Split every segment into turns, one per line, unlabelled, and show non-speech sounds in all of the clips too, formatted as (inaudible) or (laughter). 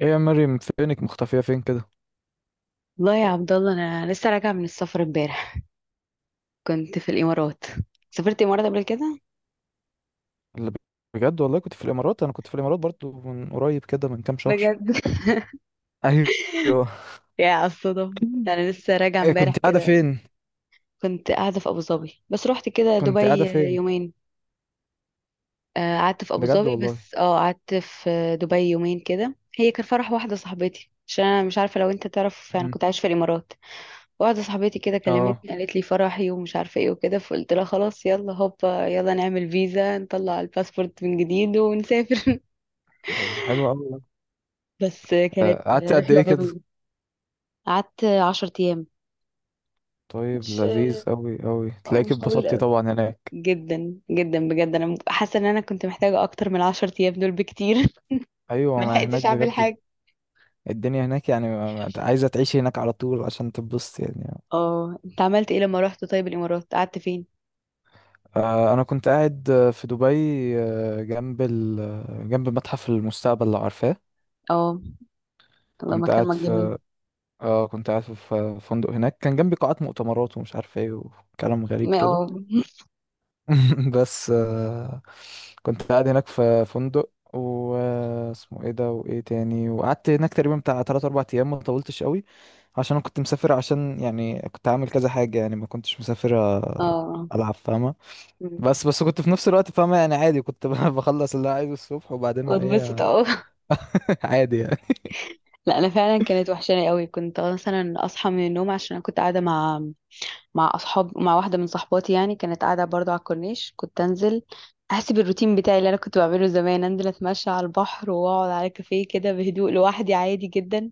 ايه يا مريم، فينك مختفية فين كده؟
والله يا عبد الله، انا لسه راجعه من السفر امبارح. كنت في الامارات. سافرت الامارات قبل كده؟
اللي بجد والله كنت في الامارات، انا كنت في الامارات برضو من قريب كده من كام شهر.
بجد. (laughs)
ايوه.
يا على الصدف.
(laughs)
انا لسه راجعه
ايه، كنت
امبارح
قاعدة
كده.
فين؟
كنت قاعده في ابو ظبي، بس رحت كده
كنت
دبي
قاعدة فين؟
يومين. قعدت في ابو
بجد
ظبي،
والله.
بس قعدت في دبي يومين كده. هي كان فرح واحده صاحبتي، عشان انا مش عارفه لو انت تعرف انا
مم.
كنت عايشه في الامارات. واحده صاحبتي كده
اه،
كلمتني، قالت لي فرحي ومش عارفه ايه وكده، فقلت لها خلاص يلا هوبا، يلا نعمل فيزا، نطلع الباسبورت من جديد ونسافر. (laughs)
طب حلو قوي.
بس كانت
قعدت قد
رحلة
ايه كده؟
جميلة. قعدت 10 أيام.
طيب
مش
لذيذ قوي قوي، تلاقيك
مش طويل
اتبسطتي
قوي.
طبعا هناك.
جدا جدا، بجد أنا حاسة إن أنا كنت محتاجة أكتر من 10 أيام دول بكتير. (laughs)
ايوه، ما هناك
ملحقتش أعمل
بجد
حاجة.
الدنيا هناك يعني عايزة تعيشي هناك على طول عشان تتبسطي يعني.
اه. أنت عملت إيه لما رحت طيب الإمارات، قعدت فين؟
انا كنت قاعد في دبي، آه، جنب ال... آه، جنب متحف المستقبل لو عارفاه.
اه. الله،
كنت
مكان
قاعد
ما جميل.
في اه كنت قاعد في فندق هناك، كان جنبي قاعات مؤتمرات ومش عارف ايه، وكلام غريب
ما
كده.
اه.
(laughs) بس كنت قاعد هناك في فندق و اسمه ايه ده وايه تاني، وقعدت هناك تقريبا بتاع 3 4 ايام، ما طولتش قوي عشان انا كنت مسافر، عشان يعني كنت عامل كذا حاجة، يعني ما كنتش مسافر،
(laughs) اه.
العب، فاهمة؟
مم.
بس كنت في نفس الوقت فاهمة يعني، عادي، كنت (laughs) بخلص اللي أنا عايزه الصبح وبعدين
واتبسط،
ايه.
اه. (laughs)
(laughs) عادي يعني.
لا أنا فعلا كانت وحشاني قوي. كنت مثلا أصحى من النوم عشان أنا كنت قاعدة مع، مع اصحاب، مع واحده من صحباتي، يعني كانت قاعده برضو على الكورنيش. كنت انزل احسب الروتين بتاعي اللي انا كنت بعمله زمان، انزل اتمشى على البحر واقعد على كافيه كده بهدوء لوحدي عادي جدا.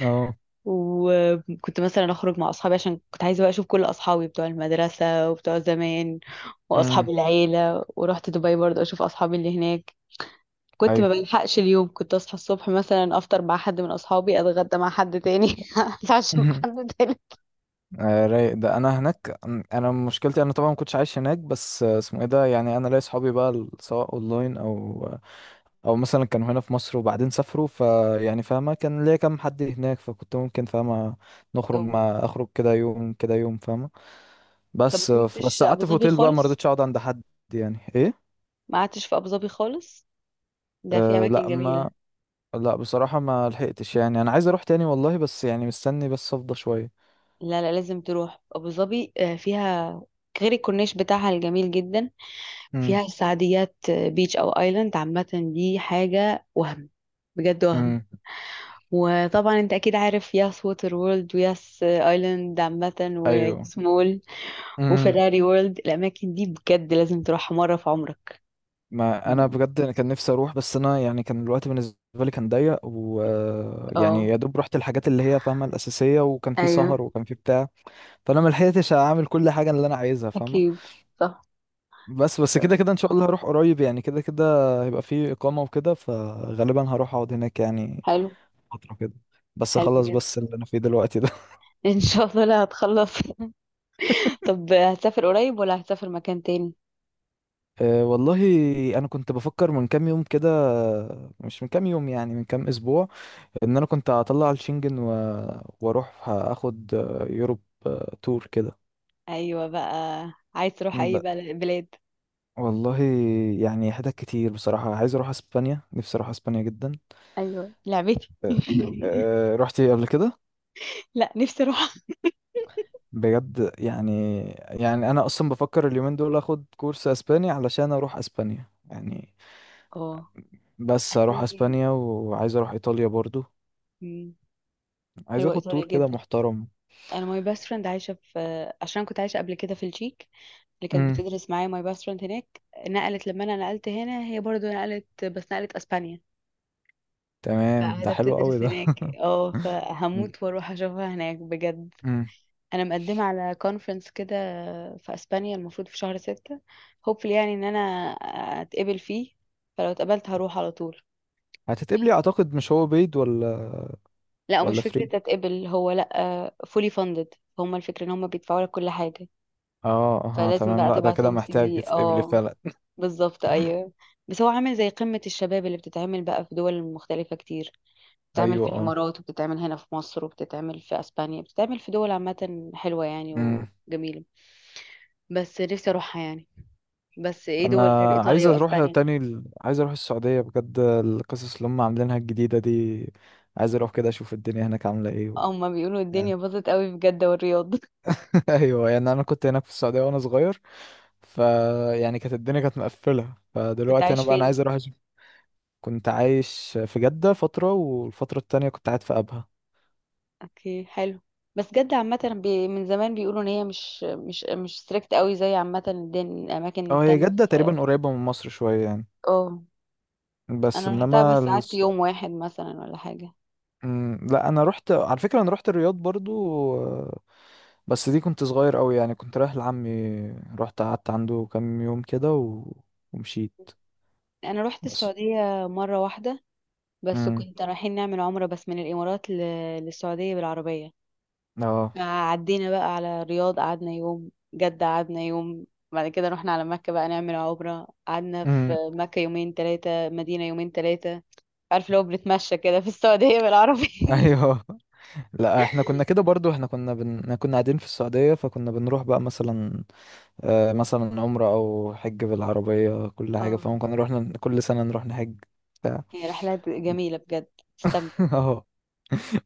اه.
وكنت مثلا اخرج مع اصحابي، عشان كنت عايزه بقى اشوف كل اصحابي بتوع المدرسه وبتوع زمان واصحاب
امم.
العيله. ورحت دبي برضو اشوف اصحابي اللي هناك. كنت
ايوه.
ما بلحقش اليوم، كنت اصحى الصبح مثلا افطر مع حد من اصحابي، اتغدى مع حد تاني، (laughs) اتعشى مع
(laughs)
حد تاني.
رايق ده انا هناك. انا مشكلتي، انا طبعا ما كنتش عايش هناك، بس اسمه ايه ده، يعني انا ليا صحابي بقى سواء اونلاين او، او مثلا كانوا هنا في مصر وبعدين سافروا، فيعني فاهمه، كان ليا كام حد هناك، فكنت ممكن فاهمه نخرج مع اخرج كده يوم كده يوم، فاهمه.
طب ما
بس
روحتش
بس
ابو
قعدت في
ظبي
اوتيل بقى، ما
خالص؟
رضيتش اقعد عند حد. يعني ايه؟
ما قعدتش في ابو ظبي خالص؟ ده في
أه
اماكن
لا
جميله.
ما لا بصراحه ما لحقتش، يعني انا عايز اروح تاني والله، بس يعني مستني بس افضى شويه.
لا لا، لازم تروح ابو ظبي. فيها غير الكورنيش بتاعها الجميل جدا، فيها
امم.
السعديات بيتش او ايلاند عامه. دي حاجه وهم، بجد وهم.
امم.
وطبعا انت اكيد عارف ياس ووتر وورلد وياس ايلاند عامه
ايوه،
وياس مول وفيراري وورلد. الاماكن دي بجد لازم تروحها مره في عمرك.
ما انا بجد أنا كان نفسي اروح، بس انا يعني كان الوقت بالنسبه لي كان ضيق، ويعني
اه
يا دوب رحت الحاجات اللي هي فاهمه الاساسيه، وكان في
ايوه،
سهر وكان في بتاع، فانا ما لحقتش اعمل كل حاجه اللي انا عايزها، فاهمه.
اكيد صح.
بس كده كده ان شاء الله هروح قريب يعني، كده كده هيبقى في اقامه وكده، فغالبا هروح اقعد هناك يعني
حلو.
فتره كده، بس
حلو
اخلص
جدا.
بس اللي انا فيه دلوقتي ده.
ان شاء الله، لا هتخلص. (laughs) طب هتسافر قريب ولا هتسافر مكان تاني؟
(laughs) أه والله، انا كنت بفكر من كام يوم كده، مش من كام يوم يعني من كام اسبوع، ان انا كنت هطلع الشنجن، و... واروح اخد يوروب تور كده.
ايوه بقى. عايز تروح
ب...
اي بلاد؟
والله يعني حتت كتير بصراحة، عايز اروح اسبانيا، نفسي اروح اسبانيا جدا.
ايوه لعبتي.
أه،
(laughs)
أه، رحتي قبل كده؟
لا، نفسي اروح.
بجد يعني، يعني انا اصلا بفكر اليومين دول اخد كورس اسباني علشان اروح اسبانيا يعني،
اه.
بس
انا
اروح
عندي.
اسبانيا وعايز اروح ايطاليا برضو،
مم.
عايز
حلوه
اخد
ايطاليا
تور كده
جدا.
محترم.
انا ماي باست فريند عايشه في، عشان كنت عايشه قبل كده في التشيك، اللي كانت
امم.
بتدرس معايا ماي باست فريند هناك. نقلت، لما انا نقلت هنا هي برضو نقلت، بس نقلت اسبانيا.
تمام، ده
فقاعده
حلو قوي
بتدرس
ده.
هناك، اه فهموت واروح اشوفها هناك بجد.
امم.
انا مقدمه على كونفرنس كده في اسبانيا، المفروض في شهر 6. hopefully يعني ان انا اتقبل فيه، فلو اتقبلت هروح على طول.
هتتقبلي اعتقد، مش هو بيض ولا
لا، ومش
ولا
فكرة
فري؟
تتقبل هو، لا فولي فاندد، هما الفكرة ان هما بيدفعوا لك كل حاجة.
اه اه،
فلازم
تمام،
بقى
لا ده
تبعت
كده
لهم سي
محتاج
في،
تتقبلي
اه
فعلا.
بالظبط ايوه. بس هو عامل زي قمة الشباب اللي بتتعمل بقى في دول مختلفة كتير.
(laughs)
بتتعمل
ايوه
في
اه.
الامارات، وبتتعمل هنا في مصر، وبتتعمل في اسبانيا، بتتعمل في دول عامة حلوة يعني
امم.
وجميلة. بس نفسي اروحها يعني. بس ايه
انا
دول غير
عايز
ايطاليا
اروح
واسبانيا؟
تاني، عايز اروح السعودية، بجد القصص اللي هم عاملينها الجديدة دي، عايز اروح كده اشوف الدنيا هناك عاملة ايه. و...
هما بيقولوا الدنيا
يعني،
باظت قوي في جدة والرياض. (laughs)
(laughs) ايوه يعني انا كنت هناك في السعودية وانا صغير، ف يعني كانت الدنيا كانت مقفلة،
كنت
فدلوقتي
عايش
انا
فين؟
عايز اروح اشوف. كنت عايش في جدة فترة، والفترة التانية كنت قاعد في ابها.
اوكي، حلو. بس جدة عامة من زمان بيقولوا ان هي مش ستريكت قوي زي عامة الاماكن
اه، هي
التانية
جدة
في.
تقريبا قريبة من مصر شوية يعني.
اه
بس
انا رحتها
انما،
بس قعدت يوم واحد مثلا ولا حاجة.
مم، لا انا رحت على فكره، انا رحت الرياض برضو. آه، بس دي كنت صغير قوي، يعني كنت رايح لعمي، رحت قعدت عنده كام يوم كده، و... ومشيت.
انا رحت
بس.
السعودية مرة واحدة، بس
امم.
كنت رايحين نعمل عمرة، بس من الامارات للسعودية بالعربية.
اه.
عدينا بقى على الرياض قعدنا يوم، جدة قعدنا يوم، بعد كده رحنا على مكة بقى نعمل عمرة، قعدنا في
امم.
مكة يومين ثلاثة، مدينة يومين ثلاثة. عارف، لو بنتمشى كده في السعودية بالعربية.
ايوه. (laughs) لا احنا كنا كده برضو، كنا قاعدين في السعوديه، فكنا بنروح بقى مثلا آه مثلا عمره او حج بالعربيه كل
(laughs)
حاجه،
اه
فممكن نروح كل سنه نروح نحج بتاع.
هي رحلات جميلة بجد.
(laughs)
استمتع.
اه،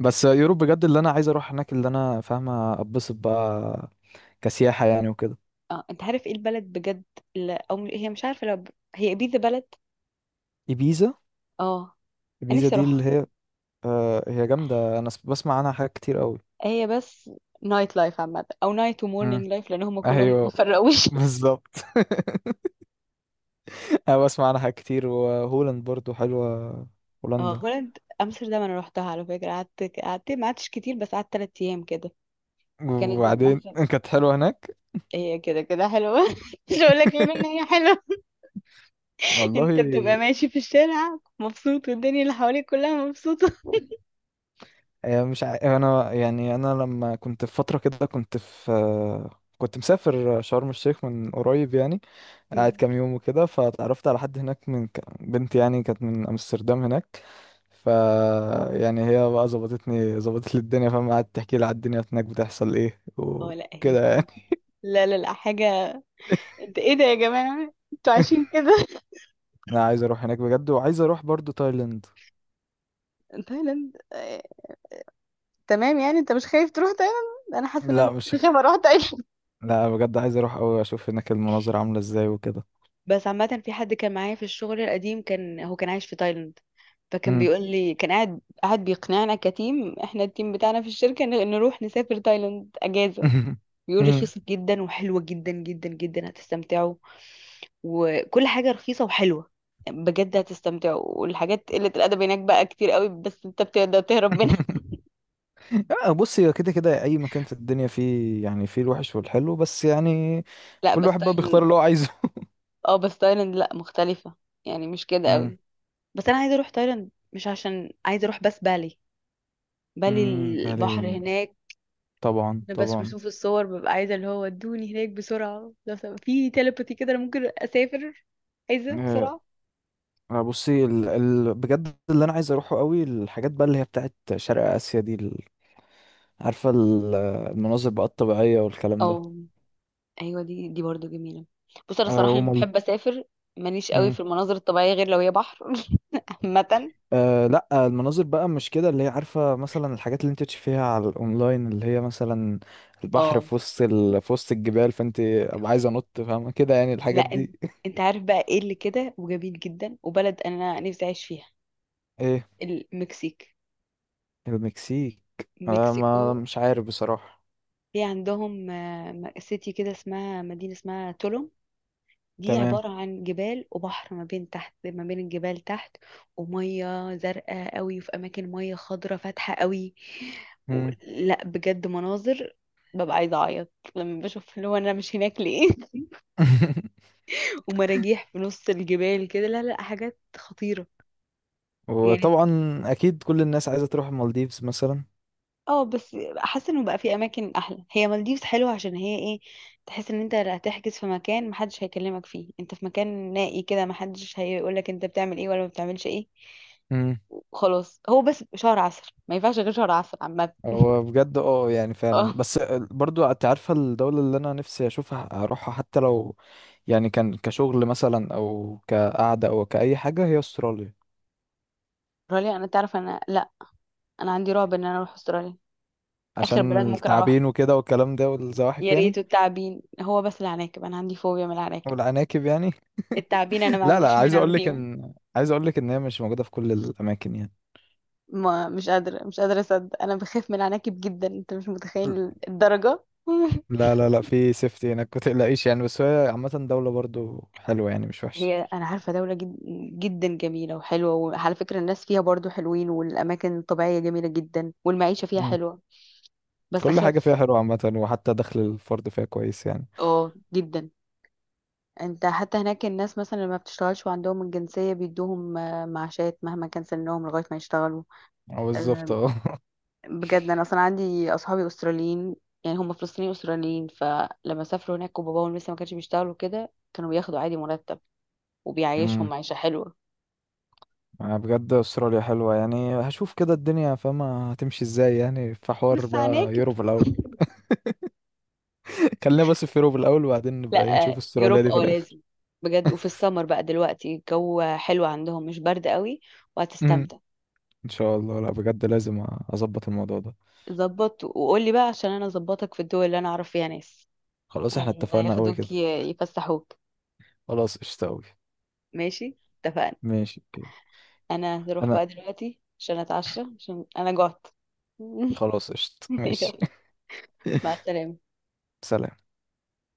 بس يوروب بجد اللي انا عايز اروح هناك، اللي انا فاهمه اتبسط بقى كسياحة يعني وكده.
اه انت عارف ايه البلد بجد اللي او هي مش عارفة لو هي بيزا بلد.
إبيزا.
اه. انا
إبيزا
نفسي
دي اللي
اروحها.
هي، هي جامدة، أنا بسمع عنها حاجات كتير قوي.
هي بس نايت لايف عامة، او نايت
مم.
ومورنينج لايف، لان هم كلهم ما
أيوه،
بيفرقوش. (laughs)
بالظبط. (laughs) أنا بسمع عنها حاجات كتير، وهولاند برضو حلوة،
اه
هولندا.
هولند امستردام، انا روحتها على فكره. قعدت قعدت ما قعدتش كتير، بس قعدت 3 ايام كده. كانت بيبقى
وبعدين
مثلا،
(laughs) كانت حلوة هناك.
هي كده كده حلوه. (laughs) مش هقول لك غير ان هي حلوه.
والله،
انت بتبقى ماشي في الشارع مبسوط، والدنيا اللي حواليك كلها مبسوطه.
آه، مش ع... أنا يعني لما كنت في فترة كده كنت في، كنت مسافر شرم الشيخ من قريب يعني،
(laughs)
قاعد
مم.
كام يوم وكده، فتعرفت على حد هناك، من بنت يعني، كانت من امستردام هناك، ف يعني هي بقى ظبطت لي الدنيا فاهم، قعدت تحكي لي على الدنيا هناك بتحصل ايه
اه لا، هي
وكده يعني.
بجد، لا لا لا حاجه، انت ايه ده يا جماعه انتوا عايشين
(laughs)
كده.
انا عايز اروح هناك بجد، وعايز اروح برضو تايلاند.
(laughs) تايلاند. تمام يعني. انت مش خايف تروح تايلاند؟ انا حاسه ان انا
لا
ممكن
مش
اخاف اروح.
لا بجد عايز اروح قوي، اشوف هناك المناظر عامله ازاي وكده.
بس عامة في حد كان معايا في الشغل القديم، كان هو كان عايش في تايلاند، فكان
امم.
بيقول لي، كان قاعد قاعد بيقنعنا، كتيم، احنا التيم بتاعنا في الشركة نروح نسافر تايلاند اجازة.
(laughs)
بيقول
امم.
رخيصة جدا وحلوة جدا جدا جدا، هتستمتعوا وكل حاجة رخيصة وحلوة، بجد هتستمتعوا. والحاجات قلة الأدب هناك بقى كتير قوي، بس انت بتقدر تهرب منها.
(laughs) بص، هي كده كده اي مكان في الدنيا فيه يعني، فيه الوحش والحلو، بس يعني
(laughs) لا
كل
بس
واحد بقى بيختار
تايلاند،
اللي هو عايزه.
اه بس تايلاند لا مختلفة، يعني مش كده قوي.
(laughs)
بس انا عايزة اروح تايلاند مش عشان عايزة اروح، بس بالي. بالي
امم، بالي.
البحر هناك.
طبعا
انا بس
طبعا.
بشوف الصور ببقى عايزه اللي هو ادوني هناك بسرعه، لو في تيليباثي كده انا ممكن اسافر. عايزه
آه،
بسرعه.
بصي بجد اللي انا عايز اروحه قوي، الحاجات بقى اللي هي بتاعت شرق اسيا دي، عارفه المناظر بقى الطبيعيه والكلام
او
ده.
ايوه، دي برضو جميله. بص انا
أه
الصراحه لما
ومال...
بحب اسافر، ماليش قوي
مم.
في المناظر الطبيعيه غير لو هي بحر. (laughs) عامه.
أه لا، المناظر بقى مش كده، اللي هي عارفه مثلا الحاجات اللي انت تشوفيها على الاونلاين، اللي هي مثلا البحر
اه
في وسط في وسط الجبال، فانت ابقى عايزه انط، فاهمه كده يعني
لا،
الحاجات دي.
انت عارف بقى ايه اللي كده وجميل جدا، وبلد انا نفسي اعيش فيها،
ايه،
المكسيك،
المكسيك؟ أه ما
مكسيكو.
مش عارف بصراحه.
في عندهم، سيتي كده اسمها، مدينه اسمها تولوم. دي
تمام.
عبارة عن جبال وبحر، ما بين تحت، ما بين الجبال تحت، ومية زرقاء قوي، في أماكن مية خضرة فاتحة قوي.
مم.
لا بجد مناظر، ببقى عايزة أعيط لما بشوف اللي هو أنا مش هناك ليه.
(laughs)
(laughs) ومراجيح في نص الجبال كده، لا لا حاجات خطيرة يعني.
وطبعا اكيد كل الناس عايزه تروح المالديفز مثلا.
اه بس حاسة انه بقى في أماكن أحلى. هي مالديفز حلوة عشان هي ايه، تحس ان انت لا هتحجز في مكان محدش هيكلمك فيه، انت في مكان نائي كده محدش هيقولك انت بتعمل ايه ولا ما بتعملش ايه.
امم.
خلاص هو بس شهر عسل، ما ينفعش غير شهر عسل عامة.
هو بجد اه يعني فعلا،
اه.
بس برضو انت عارفه الدوله اللي انا نفسي اشوفها اروحها، حتى لو يعني كان كشغل مثلا او كقعده او كاي حاجه، هي استراليا.
استراليا، انا تعرف انا لا، انا عندي رعب ان انا اروح استراليا. اخر بلد
عشان
ممكن اروح.
التعابين وكده والكلام ده والزواحف
يا ريت
يعني،
التعابين، هو بس العناكب، انا عندي فوبيا من العناكب.
والعناكب يعني.
التعابين انا
(laughs)
ما
لا لا،
عنديش
عايز
منها
اقول لك
فيهم.
ان عايز اقول لك ان هي مش موجوده في كل الاماكن يعني.
ما مش قادرة اصدق، انا بخاف من العناكب جدا، انت مش متخيل الدرجة. (laughs)
لا لا لا، في سيفتي هناك ما تقلقيش يعني، بس هي عامه دوله برضو حلوه، يعني مش وحشه،
هي انا عارفة دولة جدا جميلة وحلوة، وعلى فكرة الناس فيها برضو حلوين، والاماكن الطبيعية جميلة جدا، والمعيشة فيها حلوة، بس
كل حاجة فيها
اخاف.
حلوة عامة، وحتى دخل الفرد فيها كويس يعني.
اه جدا. انت حتى هناك الناس مثلا اللي ما بتشتغلش وعندهم الجنسية بيدوهم معاشات مهما كان سنهم لغاية ما يشتغلوا.
اه بالظبط،
آه،
اه. (laughs)
بجد انا اصلا عندي اصحابي استراليين. يعني هم فلسطينيين استراليين، فلما سافروا هناك وباباهم لسه ما كانش بيشتغلوا كده، كانوا بياخدوا عادي مرتب، وبيعيشهم
امم.
معيشة حلوة.
انا بجد استراليا حلوة، يعني هشوف كده الدنيا فاهمة هتمشي ازاي يعني، في حوار
بس
بقى
عناكب.
يوروب الاول.
(laughs)
(laughs) خلينا بس في يوروب الاول، وبعدين نبقى إيه
لا
نشوف استراليا
يوروب
دي في الاخر.
لازم. بجد، وفي السمر بقى دلوقتي الجو حلو عندهم، مش برد قوي،
امم.
وهتستمتع.
ان شاء الله، لا بجد لازم اظبط الموضوع ده.
ظبط وقولي بقى، عشان انا اظبطك في الدول اللي انا اعرف فيها ناس.
خلاص احنا
ايوه
اتفقنا قوي
ياخدوك
كده.
يفسحوك.
خلاص قشطة قوي.
ماشي، اتفقنا.
ماشي، اوكي.
انا هروح
انا.
بقى دلوقتي عشان اتعشى عشان انا جعت. (laughs)
خلاص قشطة، ماشي.
يلا، مع
(laughs)
السلامة
سلام.